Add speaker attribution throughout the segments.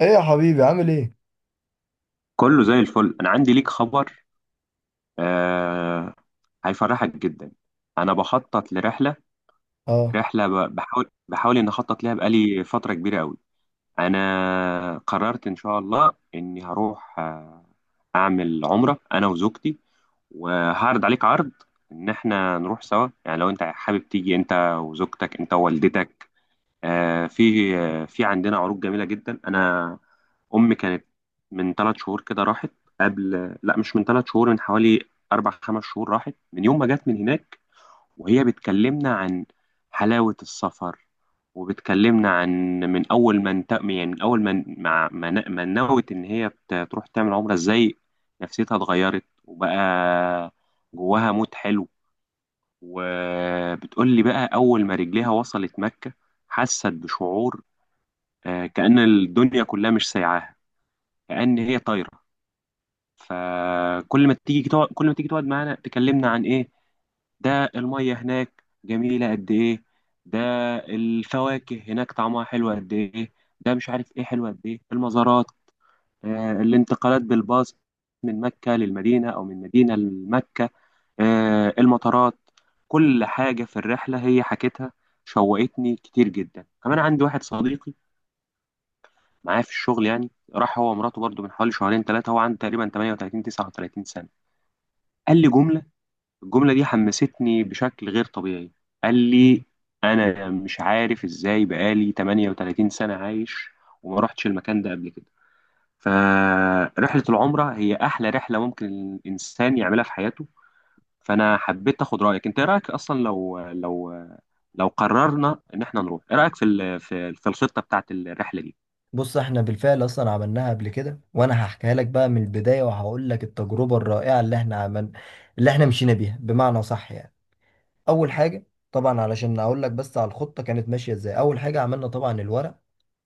Speaker 1: ايه يا حبيبي عامل ايه؟
Speaker 2: كله زي الفل. انا عندي ليك خبر آه هيفرحك جدا. انا بخطط لرحله،
Speaker 1: اه،
Speaker 2: رحله بحاول ان اخطط لها بقالي فتره كبيره قوي. انا قررت ان شاء الله اني هروح اعمل عمره انا وزوجتي، وهعرض عليك عرض ان احنا نروح سوا. يعني لو انت حابب تيجي انت وزوجتك انت ووالدتك، في عندنا عروض جميله جدا. انا امي كانت من ثلاث شهور كده راحت، قبل، لا مش من ثلاث شهور، من حوالي اربع خمس شهور راحت. من يوم ما جت من هناك وهي بتكلمنا عن حلاوه السفر، وبتكلمنا عن من اول ما انت يعني من اول ما نوت ان هي تروح تعمل عمره ازاي نفسيتها اتغيرت، وبقى جواها مود حلو. وبتقول لي بقى اول ما رجليها وصلت مكه حست بشعور، كأن الدنيا كلها مش سايعاها، كأن هي طايرة. فكل ما تيجي تقعد، كل ما تيجي تقعد معانا تكلمنا عن ايه؟ ده المية هناك جميلة قد ايه، ده الفواكه هناك طعمها حلو قد ايه، ده مش عارف ايه حلو قد ايه المزارات، الانتقالات بالباص من مكة للمدينة أو من مدينة لمكة، المطارات، كل حاجة في الرحلة هي حكيتها. شوقتني كتير جدا. كمان عندي واحد صديقي معايا في الشغل، يعني راح هو ومراته برضو من حوالي شهرين ثلاثة. هو عنده تقريبا 38 39 سنة. قال لي جملة، الجملة دي حمستني بشكل غير طبيعي. قال لي أنا مش عارف إزاي بقالي 38 سنة عايش وما رحتش المكان ده قبل كده. فرحلة العمرة هي أحلى رحلة ممكن الإنسان يعملها في حياته. فأنا حبيت آخد رأيك أنت. إيه رأيك أصلا لو لو قررنا إن إحنا نروح؟ إيه رأيك في الخطة بتاعت الرحلة دي؟
Speaker 1: بص احنا بالفعل اصلا عملناها قبل كده، وانا هحكيها لك بقى من البدايه وهقول لك التجربه الرائعه اللي احنا عمل اللي احنا مشينا بيها بمعنى صح يعني. اول حاجه طبعا، علشان اقول لك بس على الخطه كانت ماشيه ازاي، اول حاجه عملنا طبعا الورق.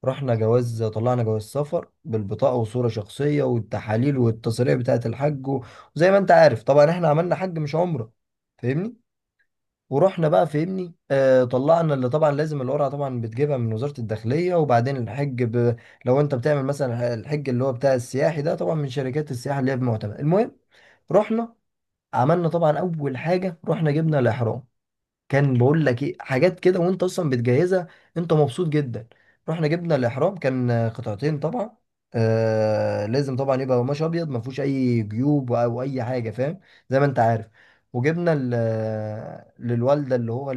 Speaker 1: رحنا جواز، طلعنا جواز سفر بالبطاقه وصوره شخصيه والتحاليل والتصاريح بتاعه الحج وزي ما انت عارف طبعا احنا عملنا حج مش عمره، فاهمني؟ ورحنا بقى فهمني طلعنا اللي طبعا لازم القرعه، طبعا بتجيبها من وزاره الداخليه. وبعدين الحج لو انت بتعمل مثلا الحج اللي هو بتاع السياحي ده طبعا من شركات السياحه اللي هي بمعتمد. المهم، رحنا عملنا طبعا اول حاجه، رحنا جبنا الاحرام. كان بقول لك ايه حاجات كده وانت اصلا بتجهزها، انت مبسوط جدا. رحنا جبنا الاحرام كان قطعتين طبعا. آه، لازم طبعا يبقى قماش ابيض ما فيهوش اي جيوب او اي حاجه، فاهم؟ زي ما انت عارف. وجبنا للوالده اللي هو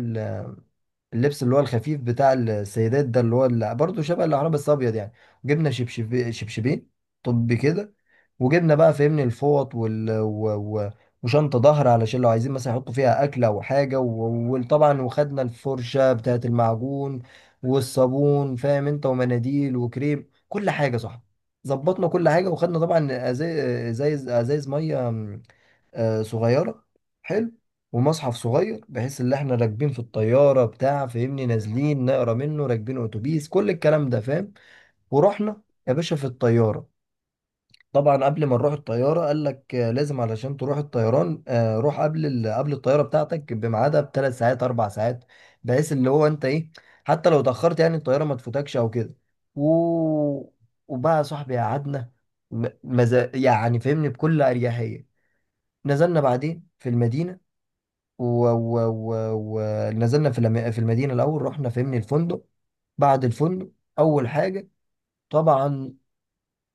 Speaker 1: اللبس اللي هو الخفيف بتاع السيدات ده، اللي هو اللي برضه شبه العرب بس ابيض يعني. وجبنا شبشب، شبشبين. طب كده، وجبنا بقى فهمني الفوط و... وشنطة ظهر علشان لو عايزين مثلا يحطوا فيها أكل أو حاجة، وطبعا وخدنا الفرشة بتاعة المعجون والصابون، فاهم أنت، ومناديل وكريم، كل حاجة صح. ظبطنا كل حاجة، وخدنا طبعا أزايز مية صغيرة. حلو. ومصحف صغير بحيث ان احنا راكبين في الطيارة بتاع فاهمني، نازلين نقرا منه، راكبين اتوبيس، كل الكلام ده فاهم. ورحنا يا باشا في الطيارة. طبعا قبل ما نروح الطيارة قال لك لازم علشان تروح الطيران روح قبل الطيارة بتاعتك بميعادها بثلاث ساعات، اربع ساعات، بحيث اللي هو انت ايه، حتى لو اتأخرت يعني الطيارة ما تفوتكش او كده. و... وبقى يا صاحبي قعدنا يعني فاهمني بكل اريحية. نزلنا بعدين في المدينة، ونزلنا في في المدينه الاول. رحنا فهمني الفندق. بعد الفندق اول حاجه طبعا،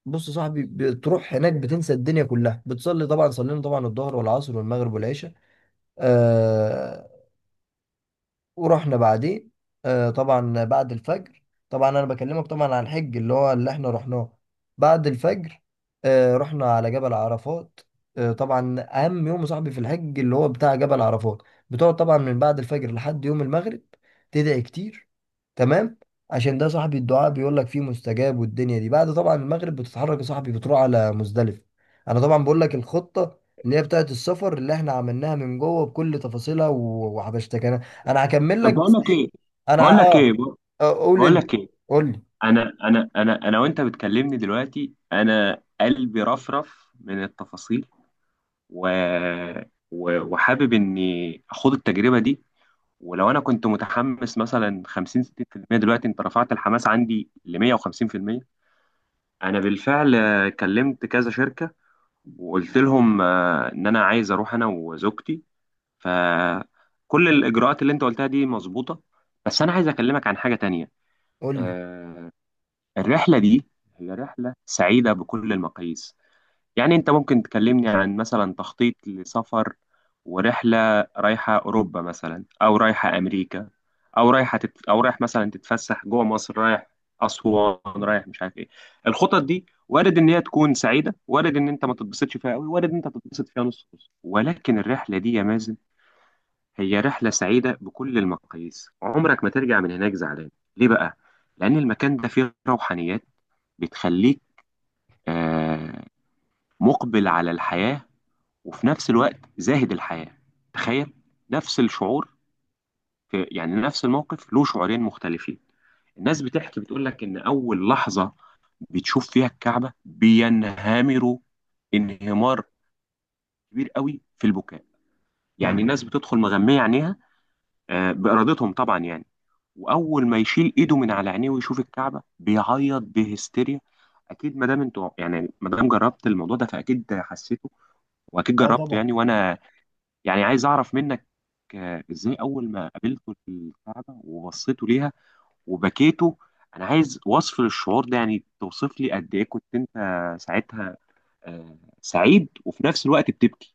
Speaker 1: بص يا صاحبي، بتروح هناك بتنسى الدنيا كلها، بتصلي طبعا، صلينا طبعا الظهر والعصر والمغرب والعشاء. آه. ورحنا بعديه طبعا بعد الفجر. طبعا انا بكلمك طبعا عن الحج اللي هو اللي احنا رحناه. بعد الفجر رحنا على جبل عرفات. آه طبعا، اهم يوم يا صاحبي في الحج اللي هو بتاع جبل عرفات. بتقعد طبعا من بعد الفجر لحد يوم المغرب، تدعي كتير، تمام؟ عشان ده صاحبي الدعاء بيقول لك فيه مستجاب. والدنيا دي بعد طبعا المغرب بتتحرك يا صاحبي، بتروح على مزدلفة. انا طبعا بقول لك الخطة اللي هي بتاعت السفر اللي احنا عملناها من جوه بكل تفاصيلها، وحبشتك انا. انا هكمل لك
Speaker 2: طب بقول
Speaker 1: بس
Speaker 2: لك ايه،
Speaker 1: ايه. انا
Speaker 2: بقول
Speaker 1: ه-
Speaker 2: لك ايه
Speaker 1: اه آه، قول
Speaker 2: بقول
Speaker 1: انت،
Speaker 2: لك ايه
Speaker 1: قول لي.
Speaker 2: انا وانت بتكلمني دلوقتي انا قلبي رفرف من التفاصيل، و... و... وحابب اني اخوض التجربه دي. ولو انا كنت متحمس مثلا 50 60% دلوقتي انت رفعت الحماس عندي ل 150%. انا بالفعل كلمت كذا شركه وقلت لهم ان انا عايز اروح انا وزوجتي. فكل الاجراءات اللي انت قلتها دي مظبوطه، بس انا عايز اكلمك عن حاجه تانية.
Speaker 1: قول لي.
Speaker 2: آه، الرحلة دي هي رحلة سعيدة بكل المقاييس. يعني أنت ممكن تكلمني عن مثلا تخطيط لسفر ورحلة رايحة أوروبا مثلا، أو رايحة أمريكا، أو أو رايح مثلا تتفسح جوه مصر، رايح أسوان، رايح مش عارف إيه. الخطط دي وارد إن هي تكون سعيدة، وارد إن أنت ما تتبسطش فيها أوي، وارد إن أنت تتبسط فيها نص نص. ولكن الرحلة دي يا مازن هي رحلة سعيدة بكل المقاييس، عمرك ما ترجع من هناك زعلان. ليه بقى؟ لأن المكان ده فيه روحانيات بتخليك آه، مقبل على الحياة وفي نفس الوقت زاهد الحياة. تخيل، نفس الشعور في يعني نفس الموقف له شعورين مختلفين. الناس بتحكي بتقول لك إن أول لحظة بتشوف فيها الكعبة بينهمروا انهمار كبير قوي في البكاء. يعني الناس بتدخل مغمية عينيها، بإرادتهم طبعا يعني. واول ما يشيل ايده من على عينيه ويشوف الكعبه بيعيط بهستيريا. اكيد ما دام انتوا يعني ما دام جربت الموضوع ده فاكيد حسيته واكيد
Speaker 1: اه
Speaker 2: جربته،
Speaker 1: طبعا.
Speaker 2: يعني وانا يعني عايز اعرف منك ازاي اول ما قابلته الكعبه وبصيته ليها وبكيته. انا عايز وصف للشعور ده، يعني توصف لي قد ايه كنت انت ساعتها سعيد وفي نفس الوقت بتبكي.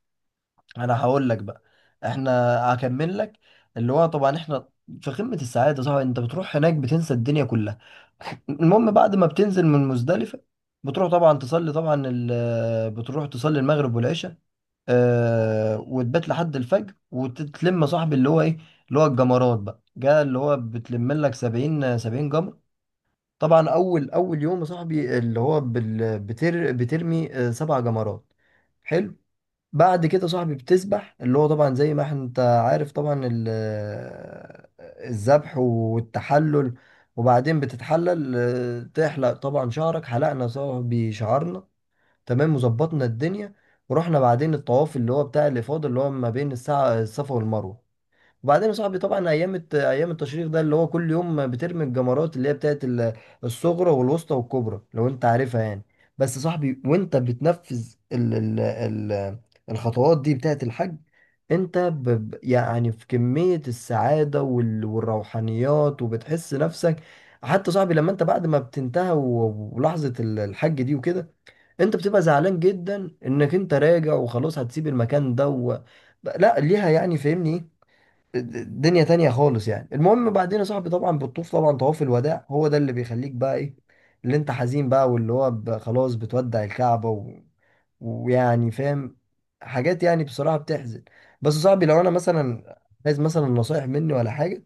Speaker 1: انا هقول لك بقى، احنا هكمل لك اللي هو طبعا، احنا في قمة السعادة صح، انت بتروح هناك بتنسى الدنيا كلها. المهم، بعد ما بتنزل من مزدلفة بتروح طبعا تصلي طبعا بتروح تصلي المغرب والعشاء آه، وتبات لحد الفجر. وتتلم صاحبي اللي هو ايه، اللي هو الجمرات بقى جاء، اللي هو بتلم لك 70 70 جمر. طبعا اول اول يوم يا صاحبي اللي هو بترمي سبع جمرات. حلو. بعد كده صاحبي بتسبح اللي هو طبعا زي ما انت عارف طبعا الذبح والتحلل. وبعدين بتتحلل تحلق طبعا شعرك، حلقنا صاحبي شعرنا. تمام، وظبطنا الدنيا. ورحنا بعدين الطواف اللي هو بتاع الإفاضة، اللي هو ما بين الساعة الصفا والمروة. وبعدين يا صاحبي طبعا ايام التشريح ده، اللي هو كل يوم بترمي الجمرات اللي هي بتاعت الصغرى والوسطى والكبرى، لو انت عارفها يعني. بس يا صاحبي وانت بتنفذ الخطوات دي بتاعت الحج، انت يعني في كمية السعادة والروحانيات، وبتحس نفسك. حتى صاحبي لما انت بعد ما بتنتهى ولحظة الحج دي وكده، انت بتبقى زعلان جدا انك انت راجع وخلاص هتسيب المكان ده لا ليها يعني فاهمني إيه؟ دنيا تانية خالص يعني. المهم بعدين يا صاحبي طبعا بالطوف، طبعا طواف الوداع هو ده اللي بيخليك بقى ايه، اللي انت حزين بقى، واللي هو خلاص بتودع الكعبة ويعني فاهم، حاجات يعني بصراحة بتحزن. بس يا صاحبي، لو انا مثلا عايز مثلا نصايح مني ولا حاجة،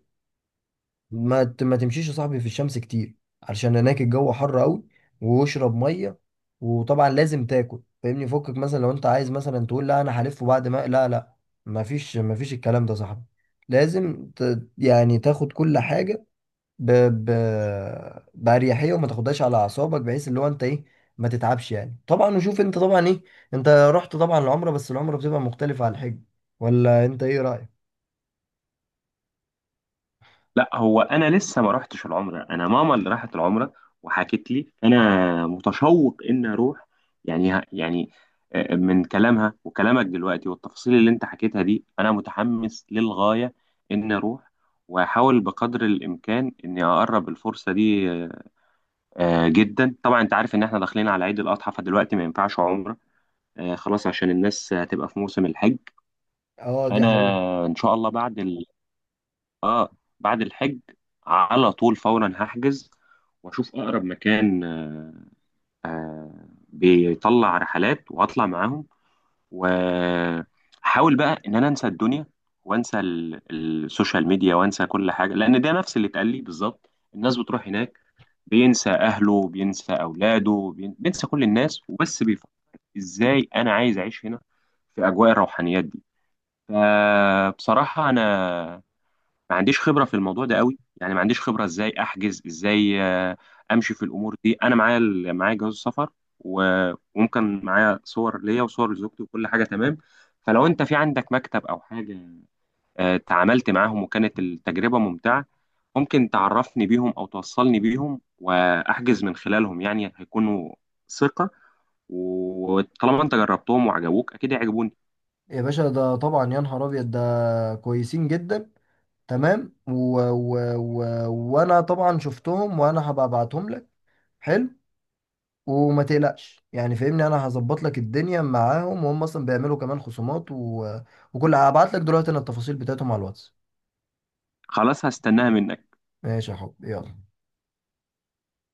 Speaker 1: ما تمشيش يا صاحبي في الشمس كتير علشان هناك الجو حر قوي، واشرب ميه. وطبعا لازم تاكل فاهمني، فكك مثلا لو انت عايز مثلا تقول لا انا هلف وبعد ما لا لا، ما فيش، الكلام ده يا صاحبي، لازم يعني تاخد كل حاجه ب... ب... باريحيه وما تاخدهاش على اعصابك، بحيث اللي هو انت ايه، ما تتعبش يعني. طبعا وشوف انت طبعا ايه، انت رحت طبعا العمره، بس العمره بتبقى مختلفه عن الحج، ولا انت ايه رايك؟
Speaker 2: لا هو انا لسه ما رحتش العمره، انا ماما اللي راحت العمره وحكت لي. انا متشوق ان اروح، يعني من كلامها وكلامك دلوقتي والتفاصيل اللي انت حكيتها دي انا متحمس للغايه ان اروح. واحاول بقدر الامكان اني اقرب الفرصه دي، جدا. طبعا انت عارف ان احنا داخلين على عيد الاضحى، فدلوقتي ما ينفعش عمره خلاص، عشان الناس هتبقى في موسم الحج.
Speaker 1: اه دي
Speaker 2: فانا
Speaker 1: حقيقة.
Speaker 2: ان شاء الله بعد، اه، بعد الحج على طول فورا هحجز واشوف اقرب مكان آه بيطلع رحلات وهطلع معاهم. واحاول بقى ان انا انسى الدنيا وانسى السوشيال ميديا وانسى كل حاجه، لان ده نفس اللي اتقال لي بالظبط. الناس بتروح هناك بينسى اهله بينسى اولاده بينسى كل الناس، وبس بيفكر ازاي انا عايز اعيش هنا في اجواء الروحانيات دي. فبصراحه انا ما عنديش خبرة في الموضوع ده قوي، يعني ما عنديش خبرة ازاي احجز، ازاي امشي في الامور دي. انا معايا معايا جواز السفر، و- وممكن معايا صور ليا وصور لزوجتي وكل حاجة تمام. فلو انت في عندك مكتب او حاجة تعاملت معاهم وكانت التجربة ممتعة، ممكن تعرفني بيهم او توصلني بيهم واحجز من خلالهم. يعني هيكونوا ثقة، وطالما انت جربتهم وعجبوك اكيد هيعجبوني.
Speaker 1: يا باشا ده طبعا يا نهار ابيض، ده كويسين جدا، تمام. و... و... وانا طبعا شفتهم، وانا هبقى ابعتهم لك. حلو. وما تقلقش يعني فاهمني، انا هظبط لك الدنيا معاهم، وهم اصلا بيعملوا كمان خصومات و هبعت لك دلوقتي انا التفاصيل بتاعتهم على الواتس.
Speaker 2: خلاص هستناها منك.
Speaker 1: ماشي يا حب، يلا.